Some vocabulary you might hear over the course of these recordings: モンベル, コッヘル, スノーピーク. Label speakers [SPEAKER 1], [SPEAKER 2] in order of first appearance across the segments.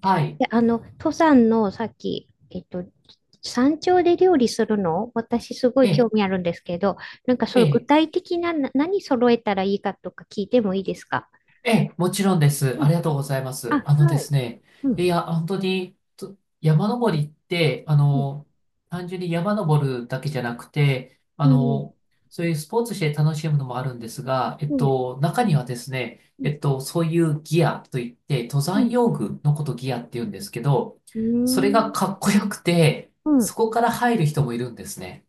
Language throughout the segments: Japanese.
[SPEAKER 1] はい。ええ、ええ、ええ、もちろんです。ありがとうございます。あのですね、いや、本当に、と山登りって、単純に山登るだけじゃなくて、そういうスポーツして楽しむのもあるんですが、中にはですね、そういうギアといって、登山用具のことギアって言うんですけど、それがかっこよくて、そこから入る人もいるんですね。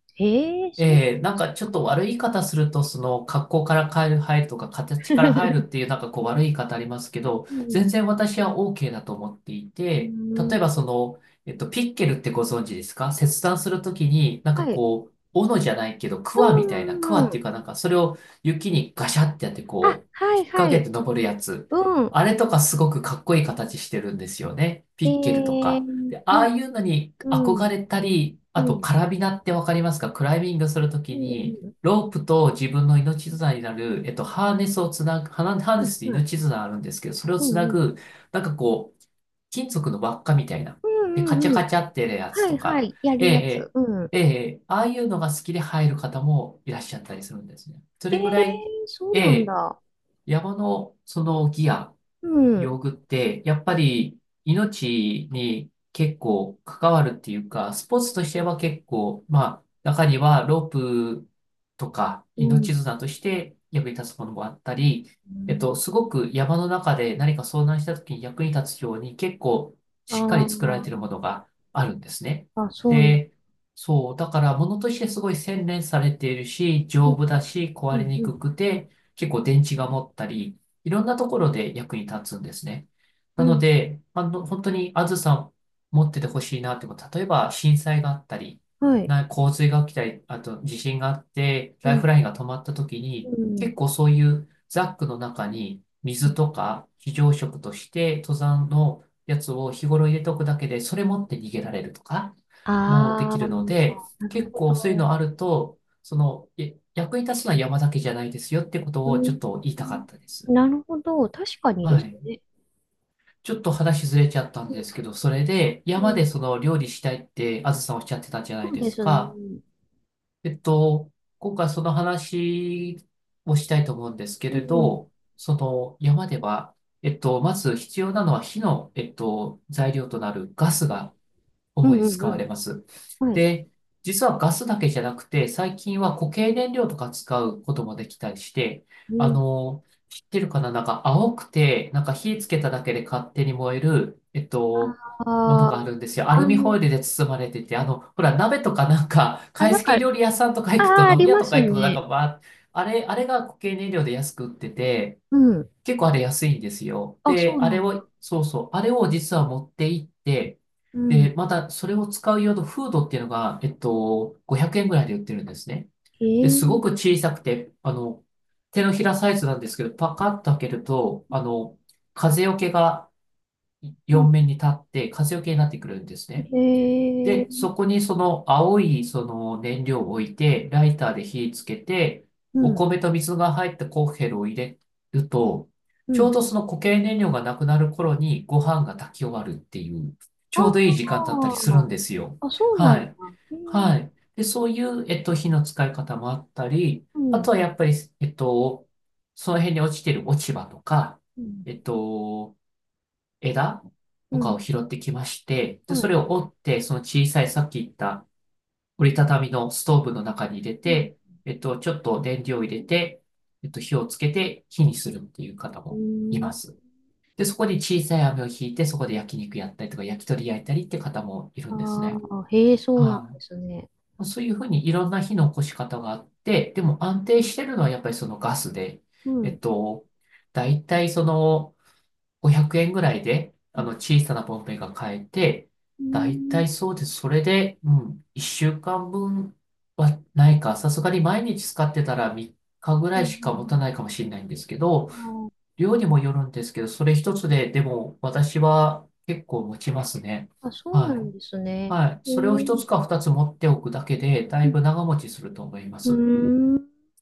[SPEAKER 1] ええ、なんかちょっと悪い言い方すると、その格好から変える、入るとか形から入るっていうなんかこう悪い言い方ありますけど、全然私は OK だと思っていて、例えばその、ピッケルってご存知ですか？切断するときに、なんかこう、斧じゃないけど、クワみたいな、クワっていうかなんかそれを雪にガシャってやってこう、引っ掛けて登るやつ。あれとかすごくかっこいい形してるんですよね。ピッケルとか。で、ああいうのに憧れたり、あとカラビナってわかりますか？クライミングするときに、ロープと自分の命綱になる、ハーネスをつなぐ、ハーネスって命綱あるんですけど、それをつなぐ、なんかこう、金属の輪っかみたいな。で、カチャカチャってやつとか、ええ、ええ、ええ、ああいうのが好きで入る方もいらっしゃったりするんですね。それぐらい、ええ、山のそのギア、用具って、やっぱり命に結構関わるっていうか、スポーツとしては結構、まあ、中にはロープとか命綱として役に立つものもあったり、すごく山の中で何か遭難した時に役に立つように結構しっかり作られているものがあるんですね。で、そう、だから物としてすごい洗練されているし、丈夫だし、壊れにくくて、結構電池が持ったり、いろんなところで役に立つんですね。なので、本当にあずさん持っててほしいなってこと、例えば震災があったり、洪水が起きたり、あと地震があって、ライフラインが止まった時に、結構そういうザックの中に水とか非常食として登山のやつを日頃入れておくだけで、それ持って逃げられるとか、もうできるので、結構そういうのあると、役に立つのは山だけじゃないですよってことをちょっと言いたかったです。はい。ちょっと話ずれちゃったんですけど、それで山でその料理したいってあずさんおっしゃってたじゃないですか。えっと、今回その話をしたいと思うんですけれど、その山では、まず必要なのは火の、材料となるガスが主に使われます。で、実はガスだけじゃなくて、最近は固形燃料とか使うこともできたりして、知ってるかななんか青くて、なんか火つけただけで勝手に燃える、ものがあるんですよ。アルミホイルで包まれてて、ほら、鍋とかなんか、懐石料理屋さんとか行くと、飲み屋とか行くと、なんかば、あれが固形燃料で安く売ってて、結構あれ安いんですよ。で、あれを、そうそう、あれを実は持って行って、で、またそれを使う用のフードっていうのが、500円ぐらいで売ってるんですね。で、すごく小さくて、手のひらサイズなんですけど、パカッと開けると、風よけが4面に立って、風よけになってくるんですね。で、そこにその青いその燃料を置いて、ライターで火つけて、お米と水が入ったコッヘルを入れると、ちょうどその固形燃料がなくなる頃にご飯が炊き終わるっていう、ちょうどいい時間だったりするんですよ。はい。はい。で、そういう、火の使い方もあったり、あとはやっぱり、えっと、その辺に落ちてる落ち葉とか、えっと、枝とかを拾ってきまして、で、それを折って、その小さいさっき言った折りたたみのストーブの中に入れて、ちょっと燃料を入れて、火をつけて火にするっていう方もいます。で、そこに小さい網を引いて、そこで焼肉やったりとか、焼き鳥焼いたりって方もいるんですね。はい。そういうふうにいろんな火の起こし方があって、でも安定してるのはやっぱりそのガスで、えっと、大体その、500円ぐらいで、小さなボンベが買えて、だいたいそうです。それで、うん、1週間分はないか、さすがに毎日使ってたら3日ぐらいしか持たないかもしれないんですけど、量にもよるんですけど、それ一つで、でも私は結構持ちますね。はい。はい。それを一つか二つ持っておくだけで、だいぶ長持ちすると思います。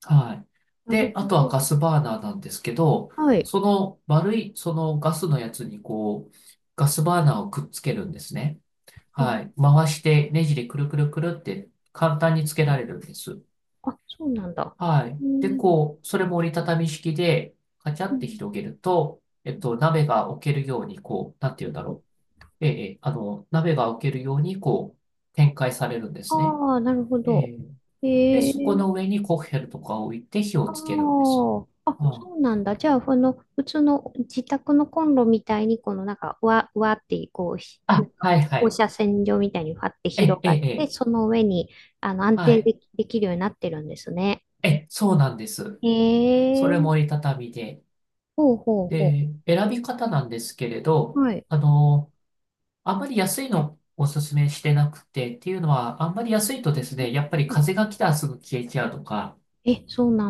[SPEAKER 1] はい。で、あとはガスバーナーなんですけど、その丸い、そのガスのやつにこう、ガスバーナーをくっつけるんですね。はい。回してネジでくるくるくるって簡単につけられるんです。はい。で、こう、それも折りたたみ式で、カチャって広げると、鍋が置けるように、こう、なんて言うんだろう。ええ、ええ鍋が置けるように、こう、展開されるんですね。ええ。で、そこの上にコッヘルとかを置いて火をつけるんです。うんあ、はいはい。え、え、え、はい。え、そうなんです。それも折りたたみで。で、選び方なんですけれど、あの、あんまり安いのおすすめしてなくて、っていうのは、あんまり安いとですね、やっぱり風が来たらすぐ消えちゃうとか、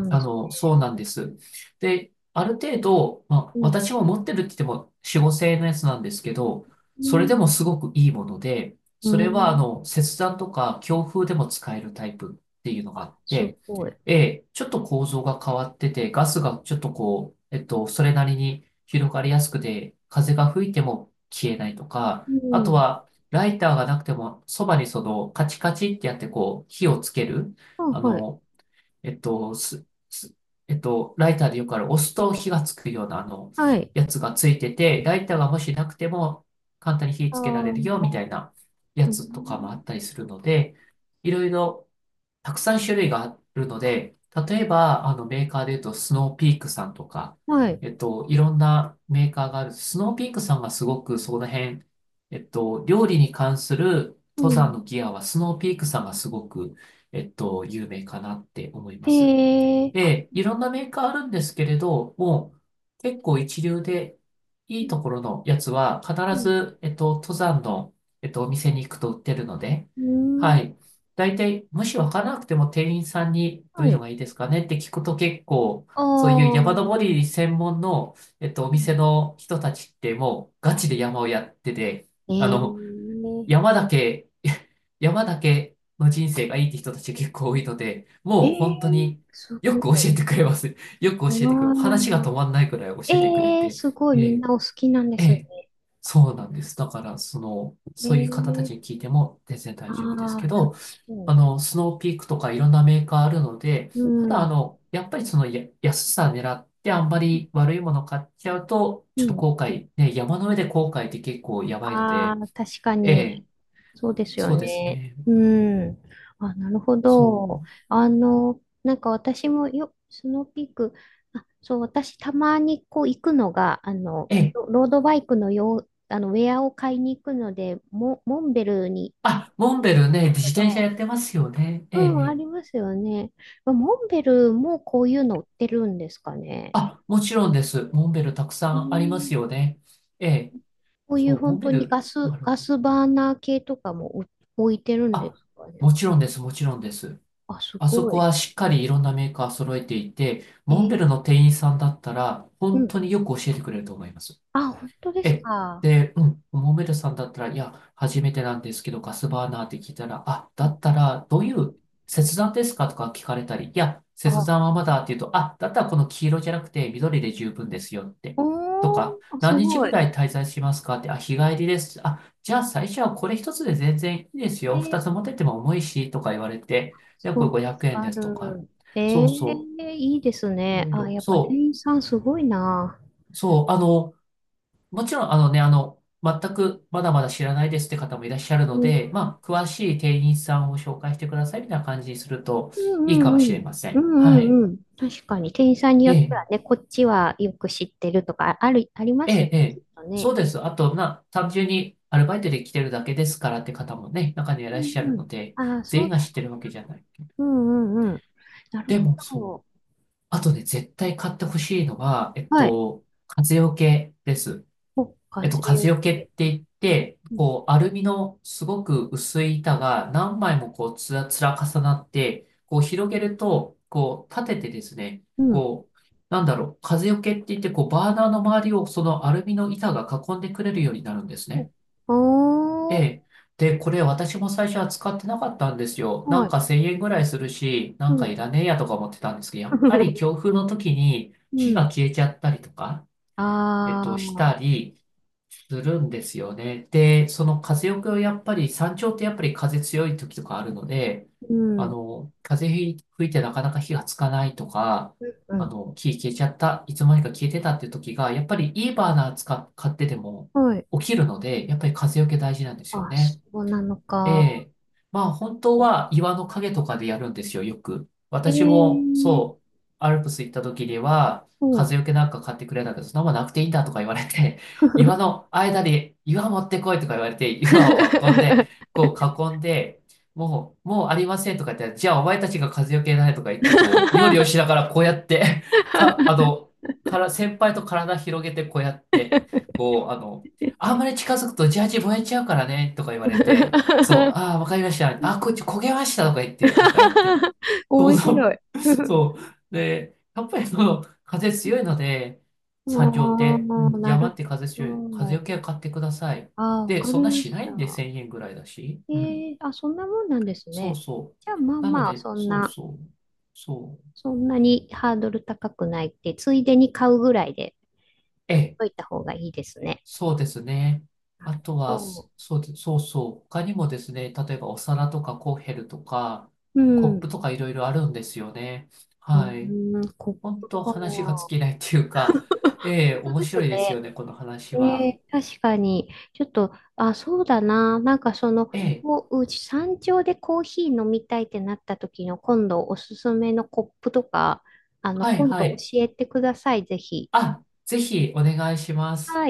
[SPEAKER 1] そうなんです。で、ある程度、まあ、私は持ってるって言っても4、5千のやつなんですけど、それでもすごくいいもので、それは、切断とか強風でも使えるタイプっていうのがあって、ちょっと構造が変わってて、ガスがちょっとこう、それなりに広がりやすくて、風が吹いても消えないとか、あとは、ライターがなくても、そばにその、カチカチってやってこう、火をつける、あの、えっと、す、す、えっと、ライターでよくある押すと火がつくようなやつがついてて、ライターがもしなくても簡単に火つけられるよみたいなやつとかもあったりするので、いろいろたくさん種類があるので、例えば、メーカーで言うと、スノーピークさんとか、いろんなメーカーがある。スノーピークさんがすごくその辺、料理に関する登山のギアは、スノーピークさんがすごく、有名かなって思います。で、いろんなメーカーあるんですけれど、もう結構一流でいいところのやつは必ず、登山の、お店に行くと売ってるので、はい。大体、もしわからなくても店員さんにどういうのがいいですかねって聞くと結構、そういう山登り専門の、お店の人たちってもうガチで山をやってて、あの、山だけ山だけの人生がいいって人たち結構多いので、もう本当によく教えてくれます。よく教えてくれる、話が止まんないくらい教えてくれて、ええ、ええ、そうなんです。だから、その、そういう方たちに聞いても全然大丈夫ですけど、スノーピークとかいろんなメーカーあるので、ただ、やっぱりそのや安さ狙ってあんまり悪いもの買っちゃうと、ちょっと後悔、ね、山の上で後悔って結構やばいので、ええ、そうですね。そう。ええ、あ、モンベルね、自転車やってますよね。ええ、ええ。あ、もちろんです。モンベルたくさんありますよね。ええ、そう、モンベル、あるある。あ、もちろんです、もちろんです。あそこはしっかりいろんなメーカー揃えていて、モンベルの店員さんだったら、本当によく教えてくれると思います。え、で、うん、モメルさんだったら、いや、初めてなんですけど、ガスバーナーって聞いたら、あ、だったら、どういう切断ですかとか聞かれたり、いや、切断はまだっていうと、あ、だったらこの黄色じゃなくて緑で十分ですよって。とか、何日ぐらい滞在しますかって、あ、日帰りです。あ、じゃあ最初はこれ一つで全然いいですよ。二つ持ってっても重いし、とか言われて、で、これ500円ですとか。そうそう。いろいろ。そう。そう。もちろん、あのね、全くまだまだ知らないですって方もいらっしゃるので、まあ、詳しい店員さんを紹介してくださいみたいな感じにするといいかもしれません。はい。ええ、ええ、ええ。そうです。あと、単純にアルバイトで来てるだけですからって方もね、中にはいらっしゃるので、全員が知ってるわけじゃない。でも、そう。あとね、絶対買ってほしいのは、風よけです。風よけって言って、こう、アルミのすごく薄い板が何枚もこう、つら重なって、こう、広げると、こう、立ててですね、こう、なんだろう、風よけって言って、こう、バーナーの周りをそのアルミの板が囲んでくれるようになるんですね。ええ。で、これ私も最初は使ってなかったんですよ。なんか1000円ぐらいするし、なんかいらねえやとか思ってたんですけど、やっぱり強風の時に火が消えちゃったりとか、したりするんですよね。で、その風よけをやっぱり、山頂ってやっぱり風強い時とかあるので、風吹いてなかなか火がつかないとか、火消えちゃった、いつの間にか消えてたっていう時が、やっぱりいいバーナー買ってても起きるので、やっぱり風よけ大事なんですよね。ええ。まあ本当は岩の陰とかでやるんですよ、よく。私もそう、アルプス行った時には、風よけなんか買ってくれたけど、そんなもんなくていいんだとか言われて、岩の間で岩持ってこいとか言われて、岩を運んで、こう囲んで、もうありませんとか言って、じゃあお前たちが風よけないとか言って、こう、料理をしながらこうやって、か、あの、から、先輩と体広げてこうやって、こう、あんまり近づくとジャージ燃えちゃうからね、とか言われて、そう、ああ、わかりました。あー、こっち焦げましたとか言って、なんかやってた。そ
[SPEAKER 2] 面
[SPEAKER 1] う
[SPEAKER 2] 白
[SPEAKER 1] そう。
[SPEAKER 2] い。
[SPEAKER 1] そう。で、やっぱりその、風強いので、山頂って、うん、山って風強い。風よけは買ってください。で、そんなしないんで、1000円ぐらいだし。うん。そうそう。なので、そうそう。そう。ええ、そうですね。あとは、そそうでそうそう。他にもですね、例えばお皿とかコッヘルとか、コップとかいろいろあるんですよね。はい。本当話が尽きないっていうか、ええ、面白いですよね、この話は。ええ、はいはい。あ、ぜひお願いします。